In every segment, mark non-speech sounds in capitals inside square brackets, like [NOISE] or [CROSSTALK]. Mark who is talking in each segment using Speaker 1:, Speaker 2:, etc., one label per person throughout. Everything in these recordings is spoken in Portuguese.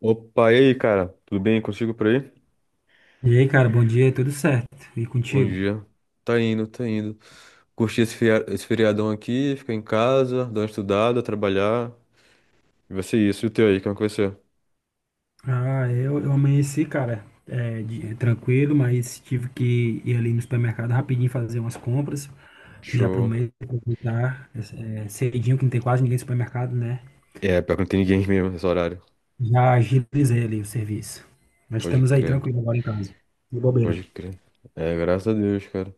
Speaker 1: Opa, e aí, cara? Tudo bem contigo por aí?
Speaker 2: E aí, cara, bom dia, tudo certo? E
Speaker 1: Bom
Speaker 2: contigo?
Speaker 1: dia. Tá indo, tá indo. Curti esse feriadão aqui, ficar em casa, dar uma estudada, trabalhar. E vai ser isso. E o teu aí, como é que vai ser?
Speaker 2: Ah, eu amanheci, cara, tranquilo, mas tive que ir ali no supermercado rapidinho fazer umas compras, já pro
Speaker 1: Show.
Speaker 2: mês aproveitar, cedinho, que não tem quase ninguém no supermercado, né?
Speaker 1: É, pior que não tem ninguém mesmo nesse horário.
Speaker 2: Já agilizei ali o serviço. Mas
Speaker 1: Pode
Speaker 2: estamos aí
Speaker 1: crer,
Speaker 2: tranquilo agora em casa, de
Speaker 1: pode
Speaker 2: bobeira.
Speaker 1: crer. É, graças a Deus, cara.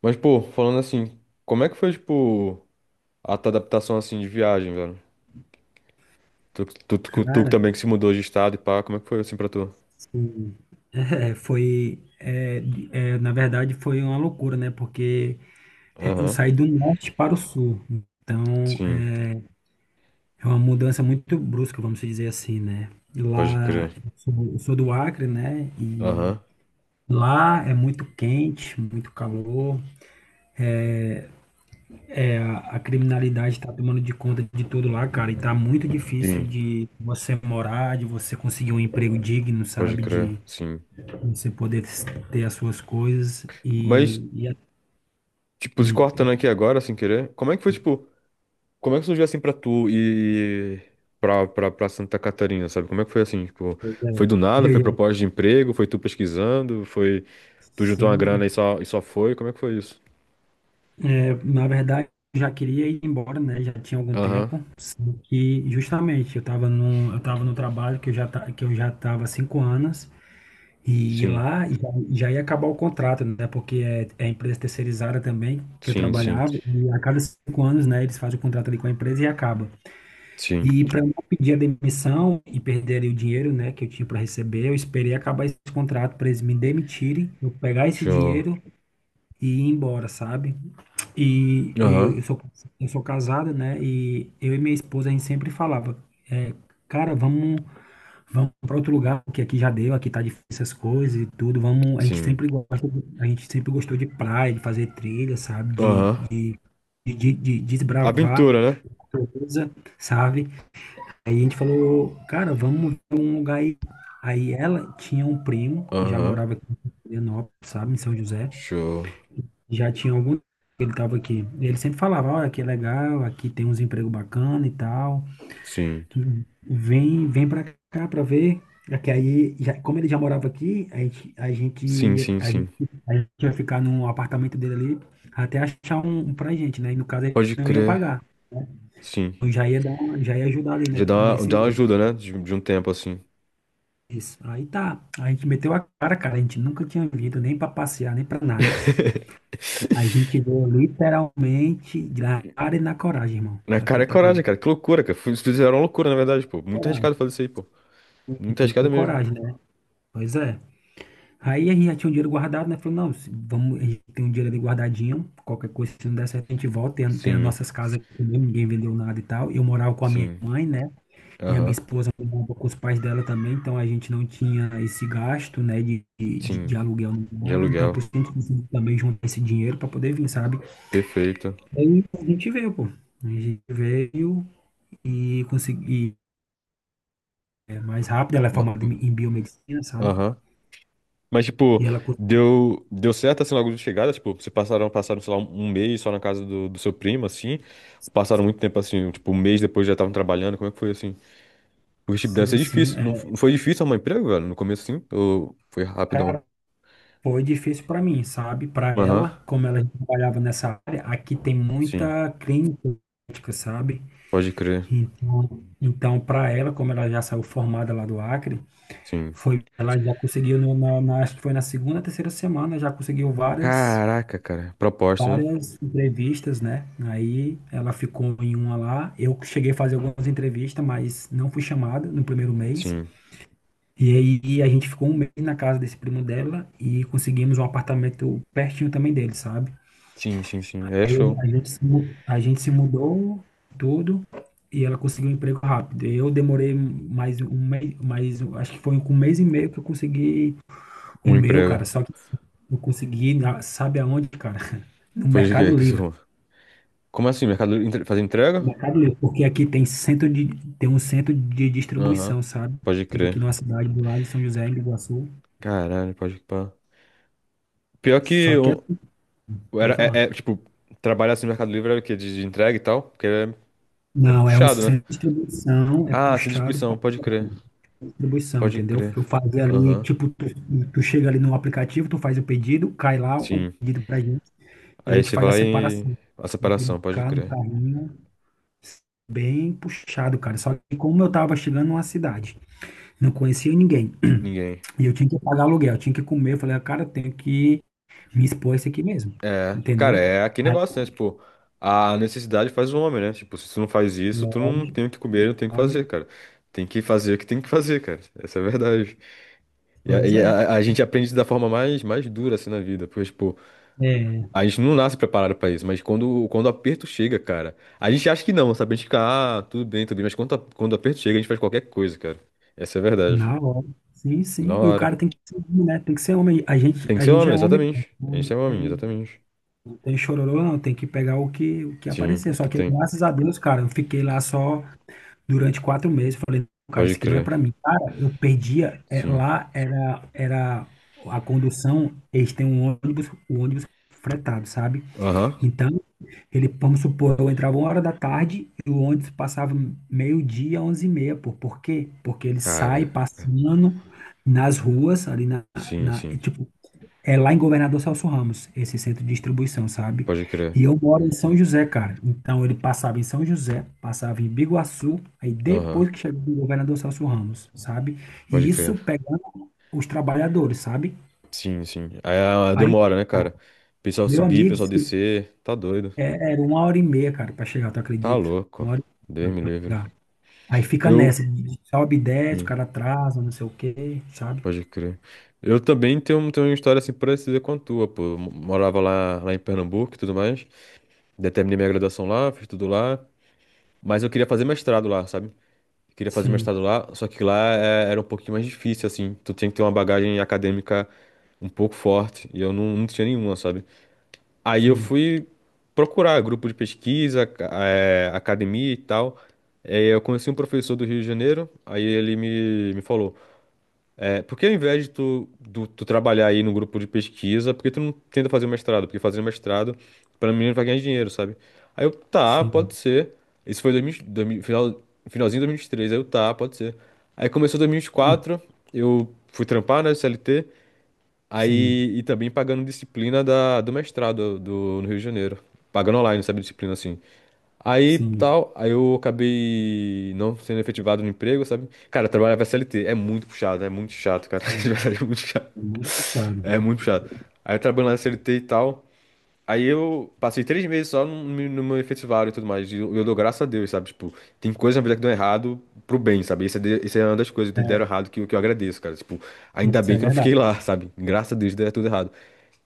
Speaker 1: Mas, pô, falando assim, como é que foi, tipo, a tua adaptação, assim, de viagem, velho? Tu que
Speaker 2: Cara,
Speaker 1: também que se mudou de estado e pá, como é que foi, assim, pra tu?
Speaker 2: assim, é, foi, é, na verdade foi uma loucura, né? Porque eu
Speaker 1: Aham,
Speaker 2: saí do norte para o sul, então
Speaker 1: sim,
Speaker 2: é uma mudança muito brusca, vamos dizer assim, né?
Speaker 1: pode
Speaker 2: Lá,
Speaker 1: crer.
Speaker 2: eu sou do Acre, né? E
Speaker 1: Aham.
Speaker 2: lá é muito quente, muito calor. A criminalidade está tomando de conta de tudo lá, cara. E tá muito difícil de você morar, de você conseguir um emprego digno,
Speaker 1: Pode
Speaker 2: sabe?
Speaker 1: crer,
Speaker 2: De
Speaker 1: sim.
Speaker 2: você poder ter as suas coisas.
Speaker 1: Mas,
Speaker 2: E, a-
Speaker 1: tipo, se
Speaker 2: hum,
Speaker 1: cortando
Speaker 2: e-
Speaker 1: aqui agora, sem querer, como é que foi, tipo, como é que surgiu assim pra tu e pra Santa Catarina, sabe? Como é que foi assim, tipo,
Speaker 2: Pois é.
Speaker 1: foi
Speaker 2: [LAUGHS]
Speaker 1: do nada,
Speaker 2: Eu
Speaker 1: foi
Speaker 2: ia-
Speaker 1: proposta de emprego, foi tu pesquisando, foi, tu juntou uma
Speaker 2: Sim,
Speaker 1: grana e só foi, como é que foi isso?
Speaker 2: é, na verdade, eu já queria ir embora, né? Já tinha algum
Speaker 1: Aham,
Speaker 2: tempo. E justamente, eu tava no trabalho que eu já estava há 5 anos. E
Speaker 1: sim,
Speaker 2: lá já ia acabar o contrato, né? Porque é empresa terceirizada também, que eu
Speaker 1: sim, sim,
Speaker 2: trabalhava. E a cada 5 anos, né, eles fazem o contrato ali com a empresa e acaba.
Speaker 1: sim,
Speaker 2: E para não pedir a demissão e perder ali o dinheiro, né, que eu tinha para receber, eu esperei acabar esse contrato para eles me demitirem, eu pegar esse
Speaker 1: show.
Speaker 2: dinheiro e ir embora, sabe? E eu,
Speaker 1: Aham,
Speaker 2: eu sou, eu sou casado, né? E eu e minha esposa, a gente sempre falava, é, cara, vamos para outro lugar, porque aqui já deu, aqui tá difícil essas coisas e tudo. Vamos,
Speaker 1: sim,
Speaker 2: a gente sempre gostou de praia, de fazer trilha, sabe? De,
Speaker 1: aham.
Speaker 2: de, de, de desbravar
Speaker 1: Aventura, né?
Speaker 2: coisa, sabe? Aí a gente falou, cara, vamos pra um lugar aí. Aí ela tinha um primo que já
Speaker 1: Aham,
Speaker 2: morava aqui em Florianópolis, sabe, em São José.
Speaker 1: show,
Speaker 2: Já tinha algum tempo que ele estava aqui. E ele sempre falava, olha, aqui é legal, aqui tem uns empregos bacana e tal.
Speaker 1: sim,
Speaker 2: Vem, vem para cá para ver. É que aí, como ele já morava aqui,
Speaker 1: sim, sim, sim,
Speaker 2: a gente ia ficar no apartamento dele ali até achar um pra gente, né? E no caso ele
Speaker 1: pode
Speaker 2: não ia
Speaker 1: crer,
Speaker 2: pagar.
Speaker 1: sim.
Speaker 2: Eu já ia dar, já ia ajudar ali né,
Speaker 1: Já dá uma,
Speaker 2: nesse
Speaker 1: dá uma
Speaker 2: meio.
Speaker 1: ajuda, né? De um tempo assim.
Speaker 2: Isso. Aí tá. A gente meteu a cara, cara. A gente nunca tinha vindo nem para passear, nem para nada. A gente
Speaker 1: [LAUGHS]
Speaker 2: voa literalmente na cara e na coragem, irmão.
Speaker 1: Na cara é
Speaker 2: Tu
Speaker 1: coragem,
Speaker 2: acredita?
Speaker 1: cara. Que loucura, cara. Fizeram uma loucura, na verdade, pô. Muito
Speaker 2: Coragem.
Speaker 1: arriscado fazer isso aí, pô. Muito
Speaker 2: Tem que ter
Speaker 1: arriscado mesmo.
Speaker 2: coragem, né? Pois é. Aí a gente já tinha um dinheiro guardado, né? Falou, não, vamos, a gente tem um dinheiro ali guardadinho. Qualquer coisa, se não der certo, a gente volta. Tem as
Speaker 1: Sim,
Speaker 2: nossas casas aqui mesmo, ninguém vendeu nada e tal. Eu morava com a minha
Speaker 1: sim.
Speaker 2: mãe, né? E a minha
Speaker 1: Aham.
Speaker 2: esposa morava com os pais dela também. Então a gente não tinha esse gasto, né? De, de, de
Speaker 1: Sim.
Speaker 2: de aluguel, nem
Speaker 1: De
Speaker 2: nada. Então
Speaker 1: aluguel.
Speaker 2: por isso que a gente conseguiu também juntar esse dinheiro para poder vir, sabe?
Speaker 1: Perfeito.
Speaker 2: Aí a gente veio, pô. A gente veio, e consegui mais rápido. Ela é
Speaker 1: Ma-
Speaker 2: formada em biomedicina, sabe?
Speaker 1: Aham. Mas, tipo,
Speaker 2: E ela conseguiu,
Speaker 1: deu certo assim logo de chegada? Tipo, vocês passaram, sei lá, um mês só na casa do seu primo, assim? Passaram muito tempo assim, tipo, um mês depois já estavam trabalhando. Como é que foi assim? Porque, tipo, deve
Speaker 2: sim,
Speaker 1: ser
Speaker 2: sim.
Speaker 1: difícil. Não foi difícil arrumar emprego, velho? No começo, assim? Ou foi rapidão?
Speaker 2: Cara, foi difícil para mim, sabe? Para
Speaker 1: Aham,
Speaker 2: ela, como ela trabalhava nessa área, aqui tem
Speaker 1: sim,
Speaker 2: muita clínica, médica, sabe?
Speaker 1: pode crer,
Speaker 2: Então, então para ela, como ela já saiu formada lá do Acre,
Speaker 1: sim.
Speaker 2: ela já conseguiu, no, na, na- acho que foi na segunda, terceira semana, já conseguiu
Speaker 1: Caraca, cara, proposta, né?
Speaker 2: várias entrevistas, né? Aí ela ficou em uma lá. Eu cheguei a fazer algumas entrevistas, mas não fui chamada no primeiro mês.
Speaker 1: Sim,
Speaker 2: E aí a gente ficou um mês na casa desse primo dela e conseguimos um apartamento pertinho também dele, sabe?
Speaker 1: sim, sim, sim, aí é show.
Speaker 2: A gente se mudou tudo e ela conseguiu um emprego rápido. Eu demorei mais um mês, acho que foi com um mês e meio que eu consegui o
Speaker 1: Um
Speaker 2: meu,
Speaker 1: emprego.
Speaker 2: cara. Só que eu consegui, sabe aonde, cara? No
Speaker 1: Foi de quê?
Speaker 2: Mercado Livre.
Speaker 1: Como assim, fazer entrega?
Speaker 2: Mercado Livre, porque aqui tem tem um centro de
Speaker 1: Aham,
Speaker 2: distribuição, sabe?
Speaker 1: pode
Speaker 2: Fica aqui
Speaker 1: crer.
Speaker 2: numa cidade do lado de São José, em Iguaçu.
Speaker 1: Caralho, pode pá. Pior que
Speaker 2: Só que é, Pode
Speaker 1: era,
Speaker 2: falar.
Speaker 1: tipo, trabalhar assim no Mercado Livre era o quê? De entrega e tal? Porque é
Speaker 2: Não, é um
Speaker 1: puxado, né?
Speaker 2: centro de distribuição, é
Speaker 1: Ah, sem
Speaker 2: puxado
Speaker 1: distribuição,
Speaker 2: para
Speaker 1: pode crer,
Speaker 2: distribuição,
Speaker 1: pode
Speaker 2: entendeu?
Speaker 1: crer.
Speaker 2: Eu fazia ali,
Speaker 1: Aham,
Speaker 2: tipo, tu chega ali no aplicativo, tu faz o pedido, cai lá o
Speaker 1: sim.
Speaker 2: pedido pra gente, e a
Speaker 1: Aí
Speaker 2: gente
Speaker 1: você vai
Speaker 2: faz a
Speaker 1: lá e...
Speaker 2: separação.
Speaker 1: A
Speaker 2: Tem que
Speaker 1: separação, pode
Speaker 2: ficar no
Speaker 1: crer.
Speaker 2: carrinho, bem puxado, cara. Só que como eu tava chegando numa cidade, não conhecia ninguém.
Speaker 1: Ninguém.
Speaker 2: E eu tinha que pagar aluguel, tinha que comer. Eu falei, "Ah, cara, eu tenho que me expor a isso aqui mesmo.
Speaker 1: É,
Speaker 2: Entendeu?
Speaker 1: cara, é aquele
Speaker 2: Aí,
Speaker 1: negócio, né? Tipo, a necessidade faz o homem, né? Tipo, se tu não faz isso, tu não
Speaker 2: lógico,
Speaker 1: tem o que comer, não tem o que fazer,
Speaker 2: lógico.
Speaker 1: cara. Tem que fazer o que tem que fazer, cara. Essa é a verdade.
Speaker 2: Pois é.
Speaker 1: A gente aprende da forma mais dura, assim, na vida. Porque, tipo,
Speaker 2: É,
Speaker 1: a gente não nasce preparado pra isso, mas quando o aperto chega, cara, a gente acha que não, sabe? A gente fica, ah, tudo bem, mas quando o aperto chega, a gente faz qualquer coisa, cara. Essa é a verdade.
Speaker 2: na hora. Sim,
Speaker 1: Na
Speaker 2: sim. E o
Speaker 1: hora.
Speaker 2: cara tem que ser homem, né? Tem que ser homem. A gente,
Speaker 1: Tem que
Speaker 2: a
Speaker 1: ser
Speaker 2: gente
Speaker 1: homem,
Speaker 2: é homem, pô.
Speaker 1: exatamente. A
Speaker 2: Não
Speaker 1: gente é homem,
Speaker 2: tem,
Speaker 1: exatamente.
Speaker 2: não tem chororô, não. Tem que pegar o que
Speaker 1: Sim,
Speaker 2: aparecer.
Speaker 1: o
Speaker 2: Só
Speaker 1: que
Speaker 2: que,
Speaker 1: tem.
Speaker 2: graças a Deus, cara, eu fiquei lá só durante 4 meses. Falei, "Não, cara, isso
Speaker 1: Pode
Speaker 2: aqui não é
Speaker 1: crer.
Speaker 2: pra mim. Cara, eu perdia.
Speaker 1: Sim.
Speaker 2: Lá era a condução. Eles têm um ônibus, o ônibus fretado, sabe?
Speaker 1: Aham.
Speaker 2: Então, vamos supor, eu entrava 1 hora da tarde e o ônibus passava meio-dia, 11h30, pô. Por quê? Porque ele
Speaker 1: Cara,
Speaker 2: sai passando nas ruas, ali
Speaker 1: sim,
Speaker 2: e,
Speaker 1: sim.
Speaker 2: tipo, é lá em Governador Celso Ramos, esse centro de distribuição, sabe?
Speaker 1: Pode crer.
Speaker 2: E eu moro em São José, cara. Então, ele passava em São José, passava em Biguaçu, aí
Speaker 1: Aham,
Speaker 2: depois que chegou o Governador Celso Ramos, sabe?
Speaker 1: pode
Speaker 2: E
Speaker 1: crer.
Speaker 2: isso pegando os trabalhadores, sabe?
Speaker 1: Sim, sim. Aí ah,
Speaker 2: Aí,
Speaker 1: demora, né, cara? Pessoal
Speaker 2: meu
Speaker 1: subir,
Speaker 2: amigo,
Speaker 1: pessoal descer. Tá doido.
Speaker 2: é, era 1 hora e meia, cara, pra chegar, tu
Speaker 1: Tá
Speaker 2: acredita?
Speaker 1: louco.
Speaker 2: Uma hora e
Speaker 1: Deus
Speaker 2: meia, cara,
Speaker 1: me
Speaker 2: pra
Speaker 1: livre.
Speaker 2: chegar. Aí fica
Speaker 1: Eu.
Speaker 2: nessa, de sobe e desce, o
Speaker 1: Sim,
Speaker 2: cara atrasa, não sei o quê, sabe?
Speaker 1: pode crer. Eu também tenho, tenho uma história assim parecida com a tua, pô. Morava lá em Pernambuco e tudo mais. Daí terminei minha graduação lá, fiz tudo lá. Mas eu queria fazer mestrado lá, sabe? Eu queria fazer
Speaker 2: Sim,
Speaker 1: mestrado lá, só que era um pouquinho mais difícil, assim. Tu tinha que ter uma bagagem acadêmica um pouco forte, e eu não, não tinha nenhuma, sabe? Aí eu
Speaker 2: sim,
Speaker 1: fui procurar grupo de pesquisa, academia e tal. Aí eu conheci um professor do Rio de Janeiro, aí ele me falou. É, porque ao invés de tu trabalhar aí no grupo de pesquisa, porque tu não tenta fazer o mestrado? Porque fazendo mestrado, para mim, não vai ganhar dinheiro, sabe? Aí eu, tá, pode
Speaker 2: sim,
Speaker 1: ser. Isso foi 2000, finalzinho de 2023, aí eu, tá, pode ser. Aí começou
Speaker 2: hum,
Speaker 1: 2024, eu fui trampar, né, CLT,
Speaker 2: sim,
Speaker 1: aí, e também pagando disciplina do mestrado no Rio de Janeiro. Pagando online, sabe, disciplina assim. Aí,
Speaker 2: sim.
Speaker 1: tal, aí eu acabei não sendo efetivado no emprego, sabe? Cara, trabalhar pra CLT é muito puxado, é muito chato, cara. [LAUGHS] De
Speaker 2: É,
Speaker 1: verdade, é muito chato.
Speaker 2: é muito complicado.
Speaker 1: É muito puxado. Aí eu trabalhando na CLT e tal. Aí eu passei 3 meses só no meu efetivado e tudo mais. E eu dou graças a Deus, sabe? Tipo, tem coisas na vida que dão errado pro bem, sabe? Isso é uma das coisas que deram errado que, que eu agradeço, cara. Tipo, ainda
Speaker 2: Isso
Speaker 1: bem
Speaker 2: é
Speaker 1: que eu não fiquei
Speaker 2: verdade.
Speaker 1: lá, sabe? Graças a Deus deu tudo errado.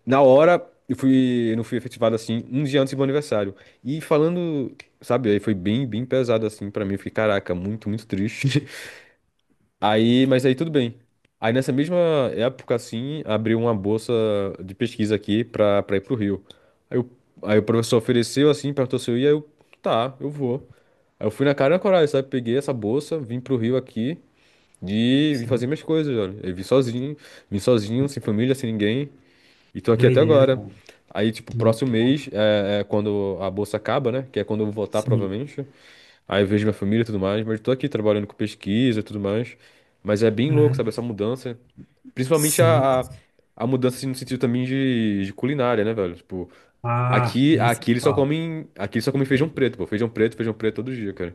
Speaker 1: Na hora, eu fui, eu não fui efetivado assim, um dia antes do meu aniversário. E falando, sabe, aí foi bem, bem pesado assim pra mim. Eu fiquei, caraca, muito, muito triste. [LAUGHS] Aí, mas aí tudo bem. Aí nessa mesma época, assim, abriu uma bolsa de pesquisa aqui pra ir pro Rio. Aí, o aí o professor ofereceu, assim, perguntou se eu ia, eu, tá, eu vou. Aí eu fui na cara e na coragem, sabe? Peguei essa bolsa, vim pro Rio aqui e vim fazer
Speaker 2: Sim.
Speaker 1: minhas coisas, olha. Eu vim sozinho, sem família, sem ninguém. E tô
Speaker 2: Que
Speaker 1: aqui até
Speaker 2: doideira,
Speaker 1: agora.
Speaker 2: cara.
Speaker 1: Aí, tipo, próximo
Speaker 2: Então,
Speaker 1: mês é, é quando a bolsa acaba, né? Que é quando eu vou voltar,
Speaker 2: sim,
Speaker 1: provavelmente. Aí eu vejo minha família e tudo mais. Mas eu tô aqui trabalhando com pesquisa e tudo mais. Mas é bem louco,
Speaker 2: é,
Speaker 1: sabe? Essa mudança. Principalmente
Speaker 2: sim.
Speaker 1: a mudança assim, no sentido também de culinária, né, velho? Tipo,
Speaker 2: Ah, nem se fala.
Speaker 1: aqui eles só comem feijão preto, pô. Feijão preto todo dia, cara.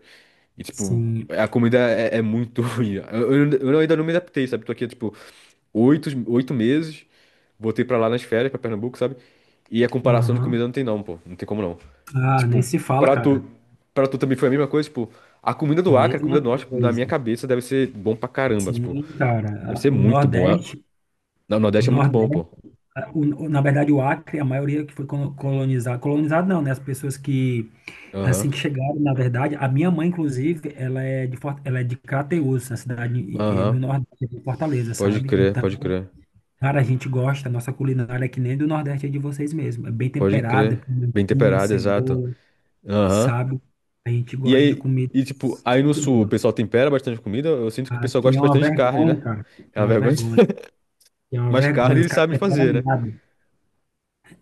Speaker 1: E, tipo,
Speaker 2: Sim,
Speaker 1: a comida é, é muito [LAUGHS] ruim. Eu ainda não me adaptei, sabe? Tô aqui, há, tipo, 8 meses. Voltei pra lá nas férias, pra Pernambuco, sabe? E a comparação de
Speaker 2: aham.
Speaker 1: comida não tem não, pô. Não tem como não.
Speaker 2: Ah, nem
Speaker 1: Tipo,
Speaker 2: se fala,
Speaker 1: pra
Speaker 2: cara.
Speaker 1: tu, pra tu também foi a mesma coisa, tipo, a comida do Acre, a comida
Speaker 2: Mesma
Speaker 1: do Norte, na minha
Speaker 2: coisa.
Speaker 1: cabeça, deve ser bom pra caramba, tipo,
Speaker 2: Sim,
Speaker 1: deve
Speaker 2: cara.
Speaker 1: ser
Speaker 2: Ah, o
Speaker 1: muito bom.
Speaker 2: Nordeste.
Speaker 1: No
Speaker 2: O
Speaker 1: Nordeste é muito bom,
Speaker 2: Nordeste,
Speaker 1: pô.
Speaker 2: ah, na verdade, o Acre, a maioria que foi colonizado, colonizado não, né? As pessoas que,
Speaker 1: Aham,
Speaker 2: assim que chegaram, na verdade, a minha mãe, inclusive, ela é de Crateús, na cidade no
Speaker 1: aham.
Speaker 2: Nordeste de Fortaleza,
Speaker 1: Pode
Speaker 2: sabe?
Speaker 1: crer,
Speaker 2: Então,
Speaker 1: pode crer.
Speaker 2: cara, a nossa culinária é que nem do Nordeste é de vocês mesmo. É bem
Speaker 1: Pode
Speaker 2: temperada,
Speaker 1: crer. Bem
Speaker 2: pimentinha,
Speaker 1: temperado, exato.
Speaker 2: cebola,
Speaker 1: Aham.
Speaker 2: sabe? A gente
Speaker 1: E
Speaker 2: gosta de
Speaker 1: aí,
Speaker 2: comida
Speaker 1: e tipo, aí no Sul o
Speaker 2: crua.
Speaker 1: pessoal tempera bastante comida, eu sinto que o pessoal
Speaker 2: Aqui
Speaker 1: gosta
Speaker 2: é uma
Speaker 1: bastante de carne,
Speaker 2: vergonha,
Speaker 1: né?
Speaker 2: cara. É
Speaker 1: É uma
Speaker 2: uma
Speaker 1: vergonha.
Speaker 2: vergonha.
Speaker 1: [LAUGHS]
Speaker 2: É uma
Speaker 1: Mas carne
Speaker 2: vergonha, os
Speaker 1: eles
Speaker 2: caras
Speaker 1: sabem
Speaker 2: temperam
Speaker 1: fazer, né?
Speaker 2: nada.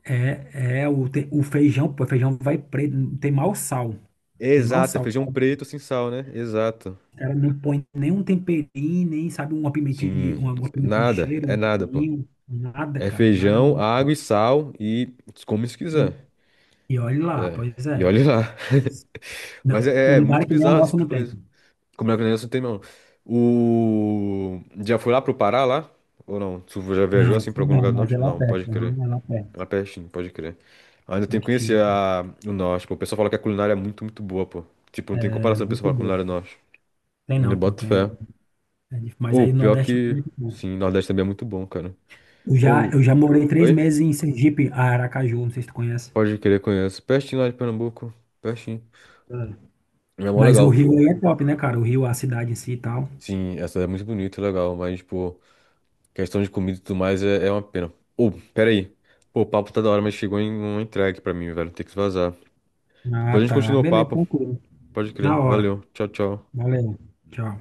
Speaker 2: É, o feijão, pô, o feijão vai preto, não tem mau sal, tem mau
Speaker 1: Exato, é
Speaker 2: sal.
Speaker 1: feijão preto sem sal, né? Exato.
Speaker 2: O cara não põe nenhum temperinho, nem sabe uma pimentinha de
Speaker 1: Sim,
Speaker 2: uma pimentinha de
Speaker 1: nada,
Speaker 2: cheiro,
Speaker 1: é
Speaker 2: um
Speaker 1: nada, pô.
Speaker 2: cominho, nada,
Speaker 1: É
Speaker 2: cara, nada.
Speaker 1: feijão,
Speaker 2: Nada.
Speaker 1: água e sal e come se
Speaker 2: E,
Speaker 1: quiser.
Speaker 2: e olha lá,
Speaker 1: É,
Speaker 2: pois
Speaker 1: e
Speaker 2: é.
Speaker 1: olhe lá. [LAUGHS] Mas
Speaker 2: Não,
Speaker 1: é
Speaker 2: culinária
Speaker 1: muito
Speaker 2: que nem o
Speaker 1: bizarro esse
Speaker 2: nosso
Speaker 1: tipo de
Speaker 2: não tem.
Speaker 1: coisa. Como é que o negócio não tem, não? O... Já foi lá pro Pará, lá? Ou não? Tu já viajou
Speaker 2: Não,
Speaker 1: assim
Speaker 2: assim
Speaker 1: pra algum
Speaker 2: não,
Speaker 1: lugar do
Speaker 2: mas é
Speaker 1: norte?
Speaker 2: lá
Speaker 1: Não, pode
Speaker 2: perto,
Speaker 1: crer.
Speaker 2: aham, é lá perto,
Speaker 1: Lá pertinho, pode crer. Ainda tem que conhecer
Speaker 2: pertinho,
Speaker 1: a... o norte, pô. O pessoal fala que a culinária é muito, muito boa, pô. Tipo, não tem
Speaker 2: é
Speaker 1: comparação com o
Speaker 2: muito
Speaker 1: pessoal que fala
Speaker 2: bom.
Speaker 1: culinária do norte.
Speaker 2: Tem
Speaker 1: Eu
Speaker 2: não, pô,
Speaker 1: boto
Speaker 2: tem,
Speaker 1: fé.
Speaker 2: mas
Speaker 1: Ou
Speaker 2: aí no
Speaker 1: pior
Speaker 2: Nordeste é
Speaker 1: que.
Speaker 2: muito bom.
Speaker 1: Sim, Nordeste também é muito bom, cara.
Speaker 2: Eu já,
Speaker 1: Ou.
Speaker 2: eu já morei três
Speaker 1: Oi?
Speaker 2: meses em Sergipe, Aracaju, não sei se tu conhece.
Speaker 1: Pode querer conheço. Pertinho lá de Pernambuco. Pertinho. É mó
Speaker 2: Mas o
Speaker 1: legal.
Speaker 2: Rio aí é top, né, cara? O Rio, a cidade em si e tal.
Speaker 1: Sim, essa é muito bonita, legal. Mas, pô, questão de comida e tudo mais é uma pena. Ou, pera aí. Pô, o papo tá da hora, mas chegou em uma entrega pra mim, velho. Tem que vazar.
Speaker 2: Ah,
Speaker 1: Depois a gente
Speaker 2: tá.
Speaker 1: continua o
Speaker 2: Beleza,
Speaker 1: papo.
Speaker 2: tranquilo.
Speaker 1: Pode crer.
Speaker 2: Na hora.
Speaker 1: Valeu. Tchau, tchau.
Speaker 2: Valeu. Tchau.